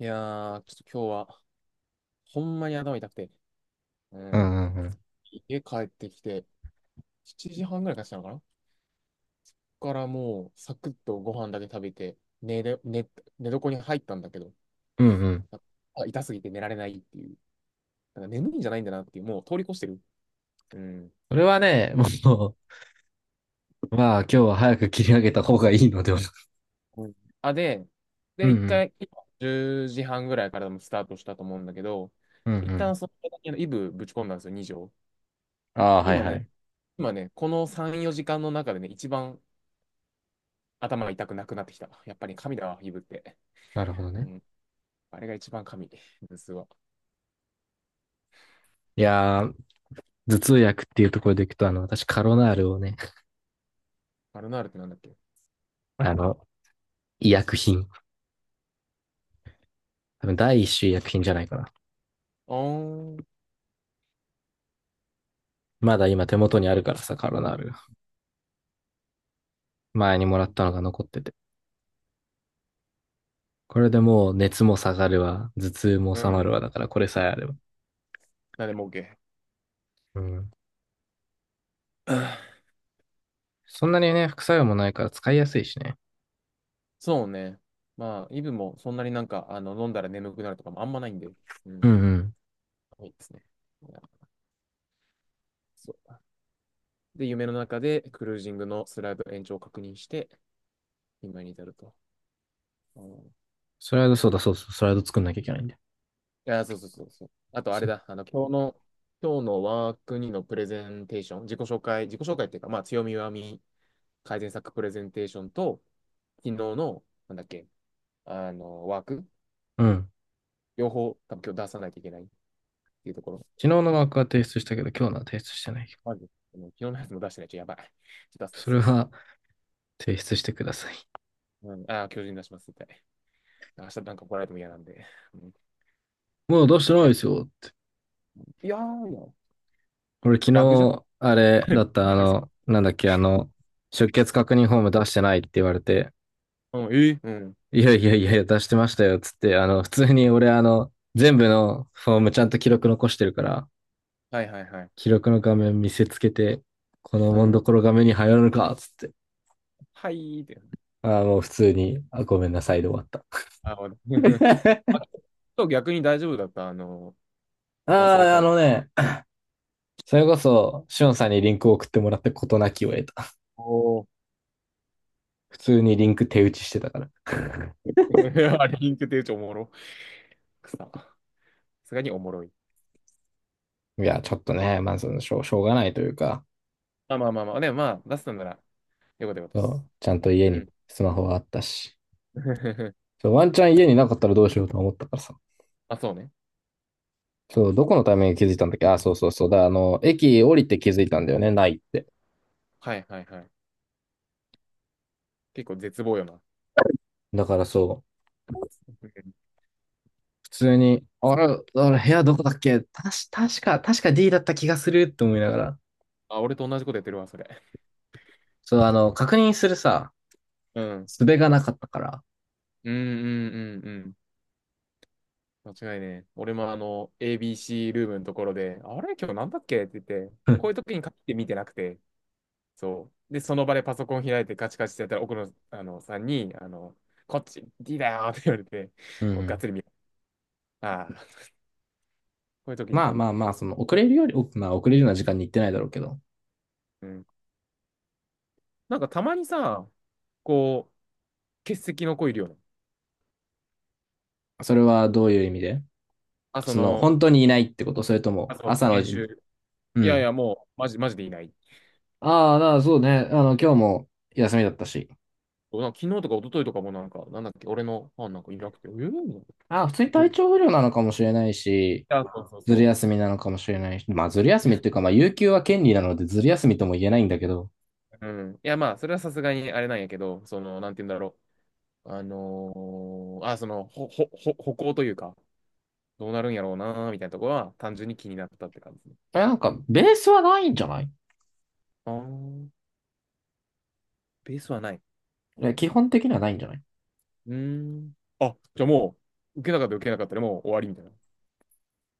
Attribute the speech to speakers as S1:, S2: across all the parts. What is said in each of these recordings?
S1: いやー、ちょっと今日は、ほんまに頭痛くて、う
S2: う
S1: ん。
S2: んうんうん。
S1: 家帰ってきて、7時半ぐらいからしたのかな。ここからもう、サクッとご飯だけ食べて、寝れ、寝、寝床に入ったんだけど、
S2: うんうん。
S1: あ、痛すぎて寝られないっていう。なんか眠いんじゃないんだなっていう、もう通り越してる。うん。
S2: それはね、もう、まあ今日は早く切り上げた方がいいのでは。
S1: うん。あ、で、
S2: うん
S1: で、
S2: う
S1: 一
S2: ん。
S1: 回、10時半ぐらいからもスタートしたと思うんだけど、
S2: うんう
S1: 一
S2: ん。
S1: 旦その時のイブぶち込んだんですよ、2錠。
S2: ああ、はい
S1: 今
S2: は
S1: ね、
S2: い。
S1: 今ね、この3、4時間の中でね、一番頭が痛くなくなってきた。やっぱり神だわ、イブって。
S2: なるほど
S1: う
S2: ね。
S1: ん。あれが一番神。ムスは。
S2: いやー、頭痛薬っていうところでいくと、私カロナールをね、
S1: マルナールってなんだっけ。
S2: あの、医薬品。多分第
S1: い
S2: 一
S1: や、
S2: 種医薬品じゃないかな。
S1: あーん。
S2: まだ今手元にあるからさ、カロナール。前にもらったのが残ってて。これでもう熱も下がるわ、頭痛も
S1: う
S2: 収ま
S1: ん。
S2: るわ、だからこれさえあれば。
S1: なんでも OK。
S2: うん。そんなにね、副作用もないから使いやすいしね。
S1: そうね。まあ、イブもそんなになんか、あの、飲んだら眠くなるとかもあんまないんで。うん。
S2: うんうん。
S1: いいですね。いや、そう。で、夢の中でクルージングのスライド延長を確認して、今に至ると。うん、い
S2: スライド、そうだそうそう、スライド作んなきゃいけないんだよ。
S1: や、そうそうそうそう。あと、あれ
S2: そ
S1: だ。あの、今日のワーク2のプレゼンテーション、自己紹介、自己紹介っていうか、まあ、強み弱み改善策プレゼンテーションと、昨日の、なんだっけ、あの、ワーク、
S2: うん。
S1: 両方、多分今日出さないといけないっていうところ。
S2: 昨日のマークは提出したけど、今日のは提出してないよ。
S1: まず、昨日のやつも出してないとやばい。ちょっと出
S2: そ
S1: す、
S2: れ
S1: 出す、出す。
S2: は提出してください。
S1: うん、ああ、巨人出します、みたい対。明日なんか来られても嫌なんで。うん、
S2: もうどうしてな
S1: じ
S2: い
S1: ゃ
S2: で
S1: あ、
S2: すよ。
S1: いやー、いや
S2: 俺昨
S1: ラグじゃ
S2: 日、あれ
S1: ない
S2: だ
S1: の。
S2: った、なんだっけ、出欠確認フォーム出してないって言われて、
S1: うん、うん。
S2: いやいやいやいや、出してましたよ、つって、普通に俺、全部のフォームちゃんと記録残してるから、
S1: はいはいはい。
S2: 記録の画面見せつけて、この
S1: う
S2: もんど
S1: ん。
S2: ころが目に入らぬか、つって。
S1: はいーって。
S2: あーもう普通に、あ、ごめんなさいで終わった。
S1: あ、あ、ちょっと逆に大丈夫だった。あの、
S2: あ
S1: 忘れ
S2: あ、あ
S1: た。
S2: のね、それこそ、しおんさんにリンクを送ってもらって事なきを得た。
S1: お
S2: 普通にリンク手打ちしてたから。
S1: ー。 あれ、リンク手帳おもろ。くさ。さすがにおもろい。
S2: いや、ちょっとね、まあ、しょうがないというか、
S1: まあ、まあまあまあ。でもまあ、出すんなら、よかったよかったで
S2: そ
S1: す。
S2: うちゃんと家
S1: う
S2: に
S1: ん。
S2: スマホがあったし、そうワンチャン家になかったらどうしようと思ったからさ。
S1: あ、そうね。
S2: そう、どこのタイミングで気づいたんだっけ？あ、そうそうそう。だ、あの、駅降りて気づいたんだよね、ないって。
S1: はいはいはい。結構絶望よな。う
S2: だからそう、
S1: ん。
S2: 普通に、あれ、部屋どこだっけたし、確か、確か D だった気がするって思いながら。
S1: あ、俺と同じことやってるわ、それ。
S2: そう、確認するさ、
S1: うん。
S2: 術がなかったから。
S1: うんうんうんうん。間違いねえ。俺もあの、ABC ルームのところで、あれ今日なんだっけって言って、
S2: う
S1: こうい
S2: ん
S1: う時に限って見てなくて、そう。で、その場でパソコン開いてカチカチってやったら、奥野あのさんに、あの、こっち、D だよって言われて、
S2: う
S1: もうがっ
S2: ん。
S1: つり見る。ああ、こういう時に
S2: まあ
S1: 限っ
S2: まあ
S1: て。
S2: まあ、その遅れるより、まあ遅れるような時間に行ってないだろうけど、
S1: うん。なんかたまにさ、こ欠席の子いるよね。
S2: それはどういう意味で？
S1: あ、そ
S2: その
S1: の、
S2: 本当にいないってこと？それと
S1: あ、
S2: も
S1: そ
S2: 朝
S1: う、
S2: の
S1: 研
S2: じ、
S1: 修。
S2: う
S1: いやい
S2: ん。
S1: や、もう、マジ、マジでいない。
S2: ああ、だからそうね。今日も休みだったし。
S1: なんか昨日とか一昨日とかもなんか、なんだっけ、俺のファンなんかいなくて、
S2: ああ、普通に
S1: ど、
S2: 体
S1: い
S2: 調不良なのかもしれないし、
S1: そうそう
S2: ずる
S1: そ
S2: 休みなのかもしれないし。まあずる休みっていうか、まあ有給は権利なのでずる休みとも言えないんだけど。
S1: う。うん。いや、まあ、それはさすがにあれなんやけど、その、なんて言うんだろう。あ、その、ほ、ほ、ほ、歩行というか、どうなるんやろうなーみたいなところは、単純に気になったって感じ。
S2: え、なんかベースはないんじゃない？
S1: あー、ベースはない。
S2: え、基本的にはないんじゃない？
S1: うーん。あ、じゃあもう、受けなかったら受けなかったでもう終わりみたいな。い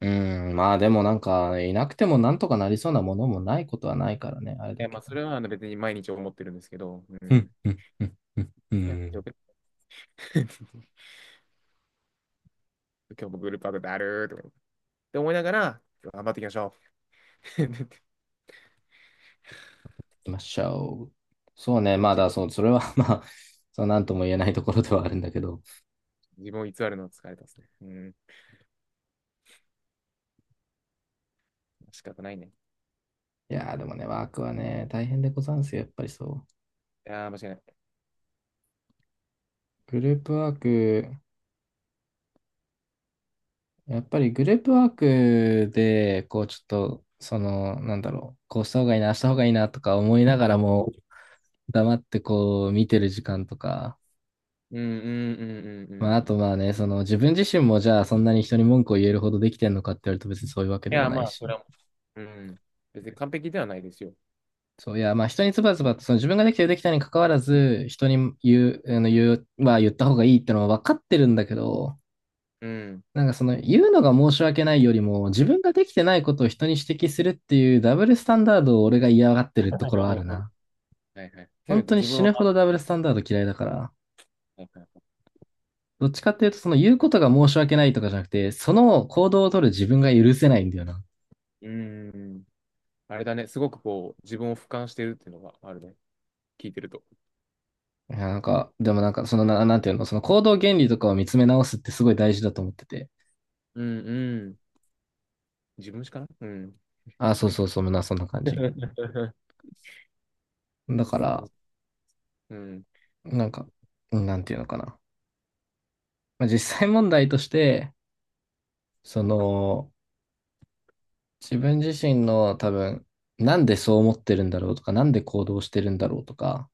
S2: うーん、まあでもなんか、いなくてもなんとかなりそうなものもないことはないからね、あれだ
S1: や、ま
S2: け
S1: あ、
S2: ど。
S1: それはあの別に毎日思ってるんですけど、う
S2: うん、
S1: ん。
S2: うん、うん、うん、う
S1: いや、
S2: ん。
S1: よ
S2: 行
S1: く。 今日もグループワークだるーとかって思いながら、頑張っていきましょう。
S2: きましょう。そうね、ま あ
S1: 自
S2: だ、
S1: 分、
S2: そう、それは まあ、そう、なんとも言えないところではあるんだけど。
S1: 自分を偽るのは疲れたですね。うん。仕方ないね。い
S2: いやー、でもね、ワークはね、大変でござんすよ、やっぱりそう。
S1: やー、間違いない。
S2: グループワーク、やっぱりグループワークで、こう、ちょっと、その、なんだろう、こうした方がいいな、あした方がいいなとか思いながらも、黙ってこう、見てる時間とか、
S1: うん、うん、うん、うん、うん。
S2: ま
S1: い
S2: あ、あとまあね、その、自分自身もじゃあ、そんなに人に文句を言えるほどできてんのかって言われると別にそういうわけでも
S1: やー、
S2: ない
S1: まあ、そ
S2: し。
S1: れは、うん。別に完璧ではないですよ。
S2: そう、いや、まあ人にズバズバと、その自分ができてるできたに関わらず、人に言う、言う、まあ言った方がいいってのは分かってるんだけど、
S1: うん。
S2: なんかその言うのが申し訳ないよりも、自分ができてないことを人に指摘するっていうダブルスタンダードを俺が嫌がってるところはある な。
S1: はいはい。せめ
S2: 本
S1: て
S2: 当に
S1: 自分
S2: 死
S1: は、
S2: ぬほ
S1: は
S2: どダブルスタンダード嫌いだから、
S1: いはい、
S2: どっちかっていうとその言うことが申し訳ないとかじゃなくて、その行動を取る自分が許せないんだよな。
S1: うん。あれだね、すごくこう、自分を俯瞰してるっていうのがあるね。聞いてると。
S2: いや、なんか、でもなんかそのな、なんていうの、その行動原理とかを見つめ直すってすごい大事だと思ってて。
S1: うんうん。自分しかな、うん。
S2: あ、そうそうそう、な、そんな感じ。だ
S1: グッ
S2: か
S1: さんの、
S2: ら、
S1: うん。
S2: なんか、なんていうのかな。まあ、実際問題として、その、自分自身の多分、なんでそう思ってるんだろうとか、なんで行動してるんだろうとか、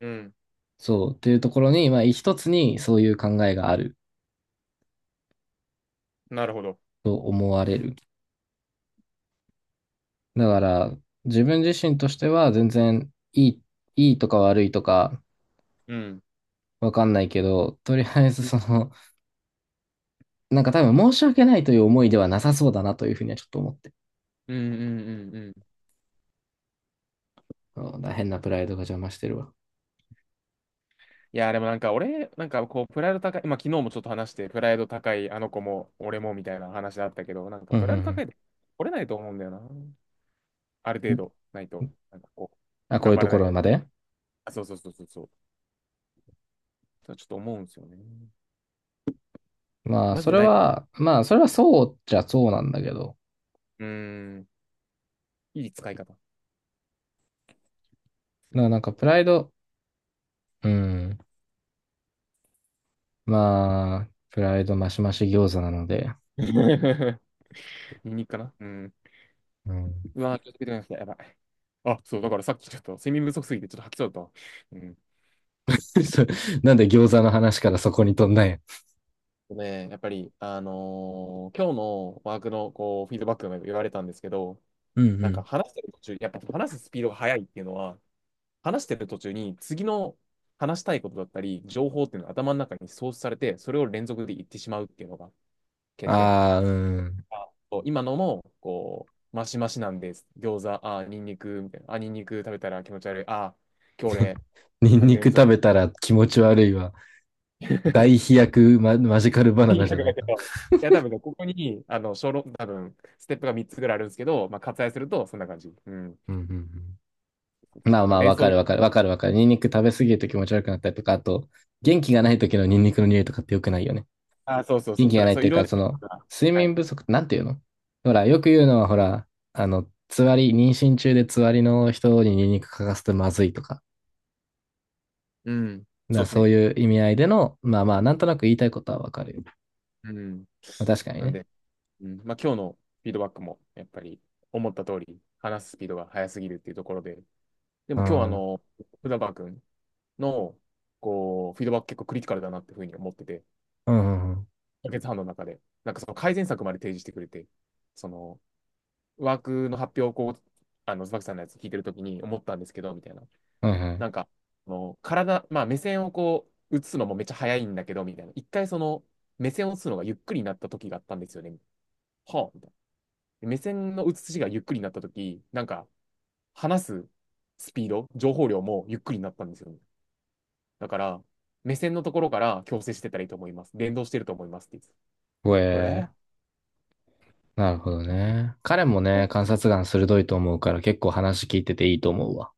S1: うん。
S2: そう、っていうところに、まあ、一つにそういう考えがある
S1: なるほど。
S2: と思われる。だから、自分自身としては全然いい、いいとか悪いとか、
S1: うん。
S2: わかんないけど、とりあえず
S1: うん
S2: その、なんか多分申し訳ないという思いではなさそうだなというふうにはちょっと思って。
S1: うんうんうんうん。
S2: うんだから変なプライドが邪魔してるわ。
S1: いや、でもなんか俺、なんかこう、プライド高い、まあ昨日もちょっと話して、プライド高い、あの子も、俺もみたいな話あったけど、なんか
S2: うんう
S1: プ
S2: ん
S1: ラ
S2: う
S1: イド
S2: ん。
S1: 高いで、折れないと思うんだよな。ある程度、ないと。なんかこ
S2: あ、
S1: う、
S2: こう
S1: 頑
S2: いう
S1: 張
S2: と
S1: ら
S2: こ
S1: な
S2: ろ
S1: いと。
S2: まで。
S1: あ、そうそうそうそうそう。そうちょっと思うんですよね。
S2: まあ、
S1: マジ
S2: そ
S1: で
S2: れ
S1: ない。う
S2: は、まあ、それはそうじゃそうなんだけど。
S1: ーん、いい使い方ですね。
S2: なんか、プライド、うん。まあ、プライドマシマシ餃子なので。
S1: ニンニクかな、うん。
S2: うん。
S1: うわ、気をつけてください。やばい。あ、そう、だからさっきちょっと睡眠不足すぎてちょっと吐きそうだったわ。うん。
S2: そなんで餃子の話からそこに飛んだんや。
S1: ね、やっぱり、今日のワークのこうフィードバックでも言われたんですけど、
S2: うんう
S1: なんか
S2: ん。
S1: 話してる途中、やっぱ話すスピードが速いっていうのは、話してる途中に次の話したいことだったり、情報っていうのが頭の中に創出されて、それを連続で言ってしまうっていうのが欠点。
S2: ああ、うん。
S1: あ、そう、今のも、こう、マシマシなんです。餃子、あ、ニンニク、みたいな。あ、ニンニク食べたら気持ち悪い。あ、今日俺、
S2: ニンニク
S1: 眠そう。
S2: 食べたら気持ち悪いわ。大 飛躍マジカルバナ
S1: い
S2: ナじ
S1: や、
S2: ゃな
S1: だ
S2: い
S1: け
S2: か。
S1: ど、いや、多分ね、ここに、あの、小論、多分、ステップが3つぐらいあるんですけど、まあ、割愛すると、そんな感じ。うん。
S2: うんうんうん。まあ
S1: ま
S2: ま
S1: あ、
S2: あ、
S1: 連
S2: わか
S1: 想、
S2: るわかるわかるわかる。ニンニク食べ過ぎると気持ち悪くなったりとか、あと、元気がない時のニンニクの匂いとかって良くないよね。
S1: あ、そうそう
S2: 元
S1: そう。だ
S2: 気
S1: か
S2: が
S1: ら、
S2: ないっ
S1: そう、
S2: てい
S1: い
S2: う
S1: ろい
S2: か、
S1: ろ
S2: そ
S1: なこ
S2: の、
S1: とが、
S2: 睡
S1: はい。
S2: 眠不足ってなんていうの？ほら、よく言うのは、ほら、つわり、妊娠中でつわりの人にニンニク嗅かすとまずいとか、
S1: うん。
S2: だか
S1: そう
S2: ら
S1: です
S2: そう
S1: ね。
S2: いう意味合いでの、まあまあ、なんとなく言いたいことはわかるよ。
S1: うん。
S2: まあ、確かに
S1: なん
S2: ね。
S1: で、うん、まあ、今日のフィードバックも、やっぱり、思った通り、話すスピードが速すぎるっていうところで、で
S2: う
S1: も今日は、あ
S2: ん。うん
S1: の、福田君の、こう、フィードバック結構クリティカルだなっていうふうに思ってて、
S2: うんうん。
S1: 解決月半の中で、なんかその改善策まで提示してくれて、その、ワークの発表をこう、あの、椿さんのやつ聞いてるときに思ったんですけど、みたいな。
S2: はいはい。
S1: なんか、あの体、まあ目線をこう、映すのもめっちゃ早いんだけど、みたいな。一回その、目線を映すのがゆっくりになった時があったんですよね。はあ、みたいな。目線の映しがゆっくりになった時、なんか、話すスピード、情報量もゆっくりになったんですよね。だから、目線のところから矯正してたらいいと思います。連動してると思いますって
S2: ほ
S1: 言って
S2: え
S1: えー
S2: ー。なるほどね。彼もね、観察眼鋭いと思うから結構話聞いてていいと思うわ。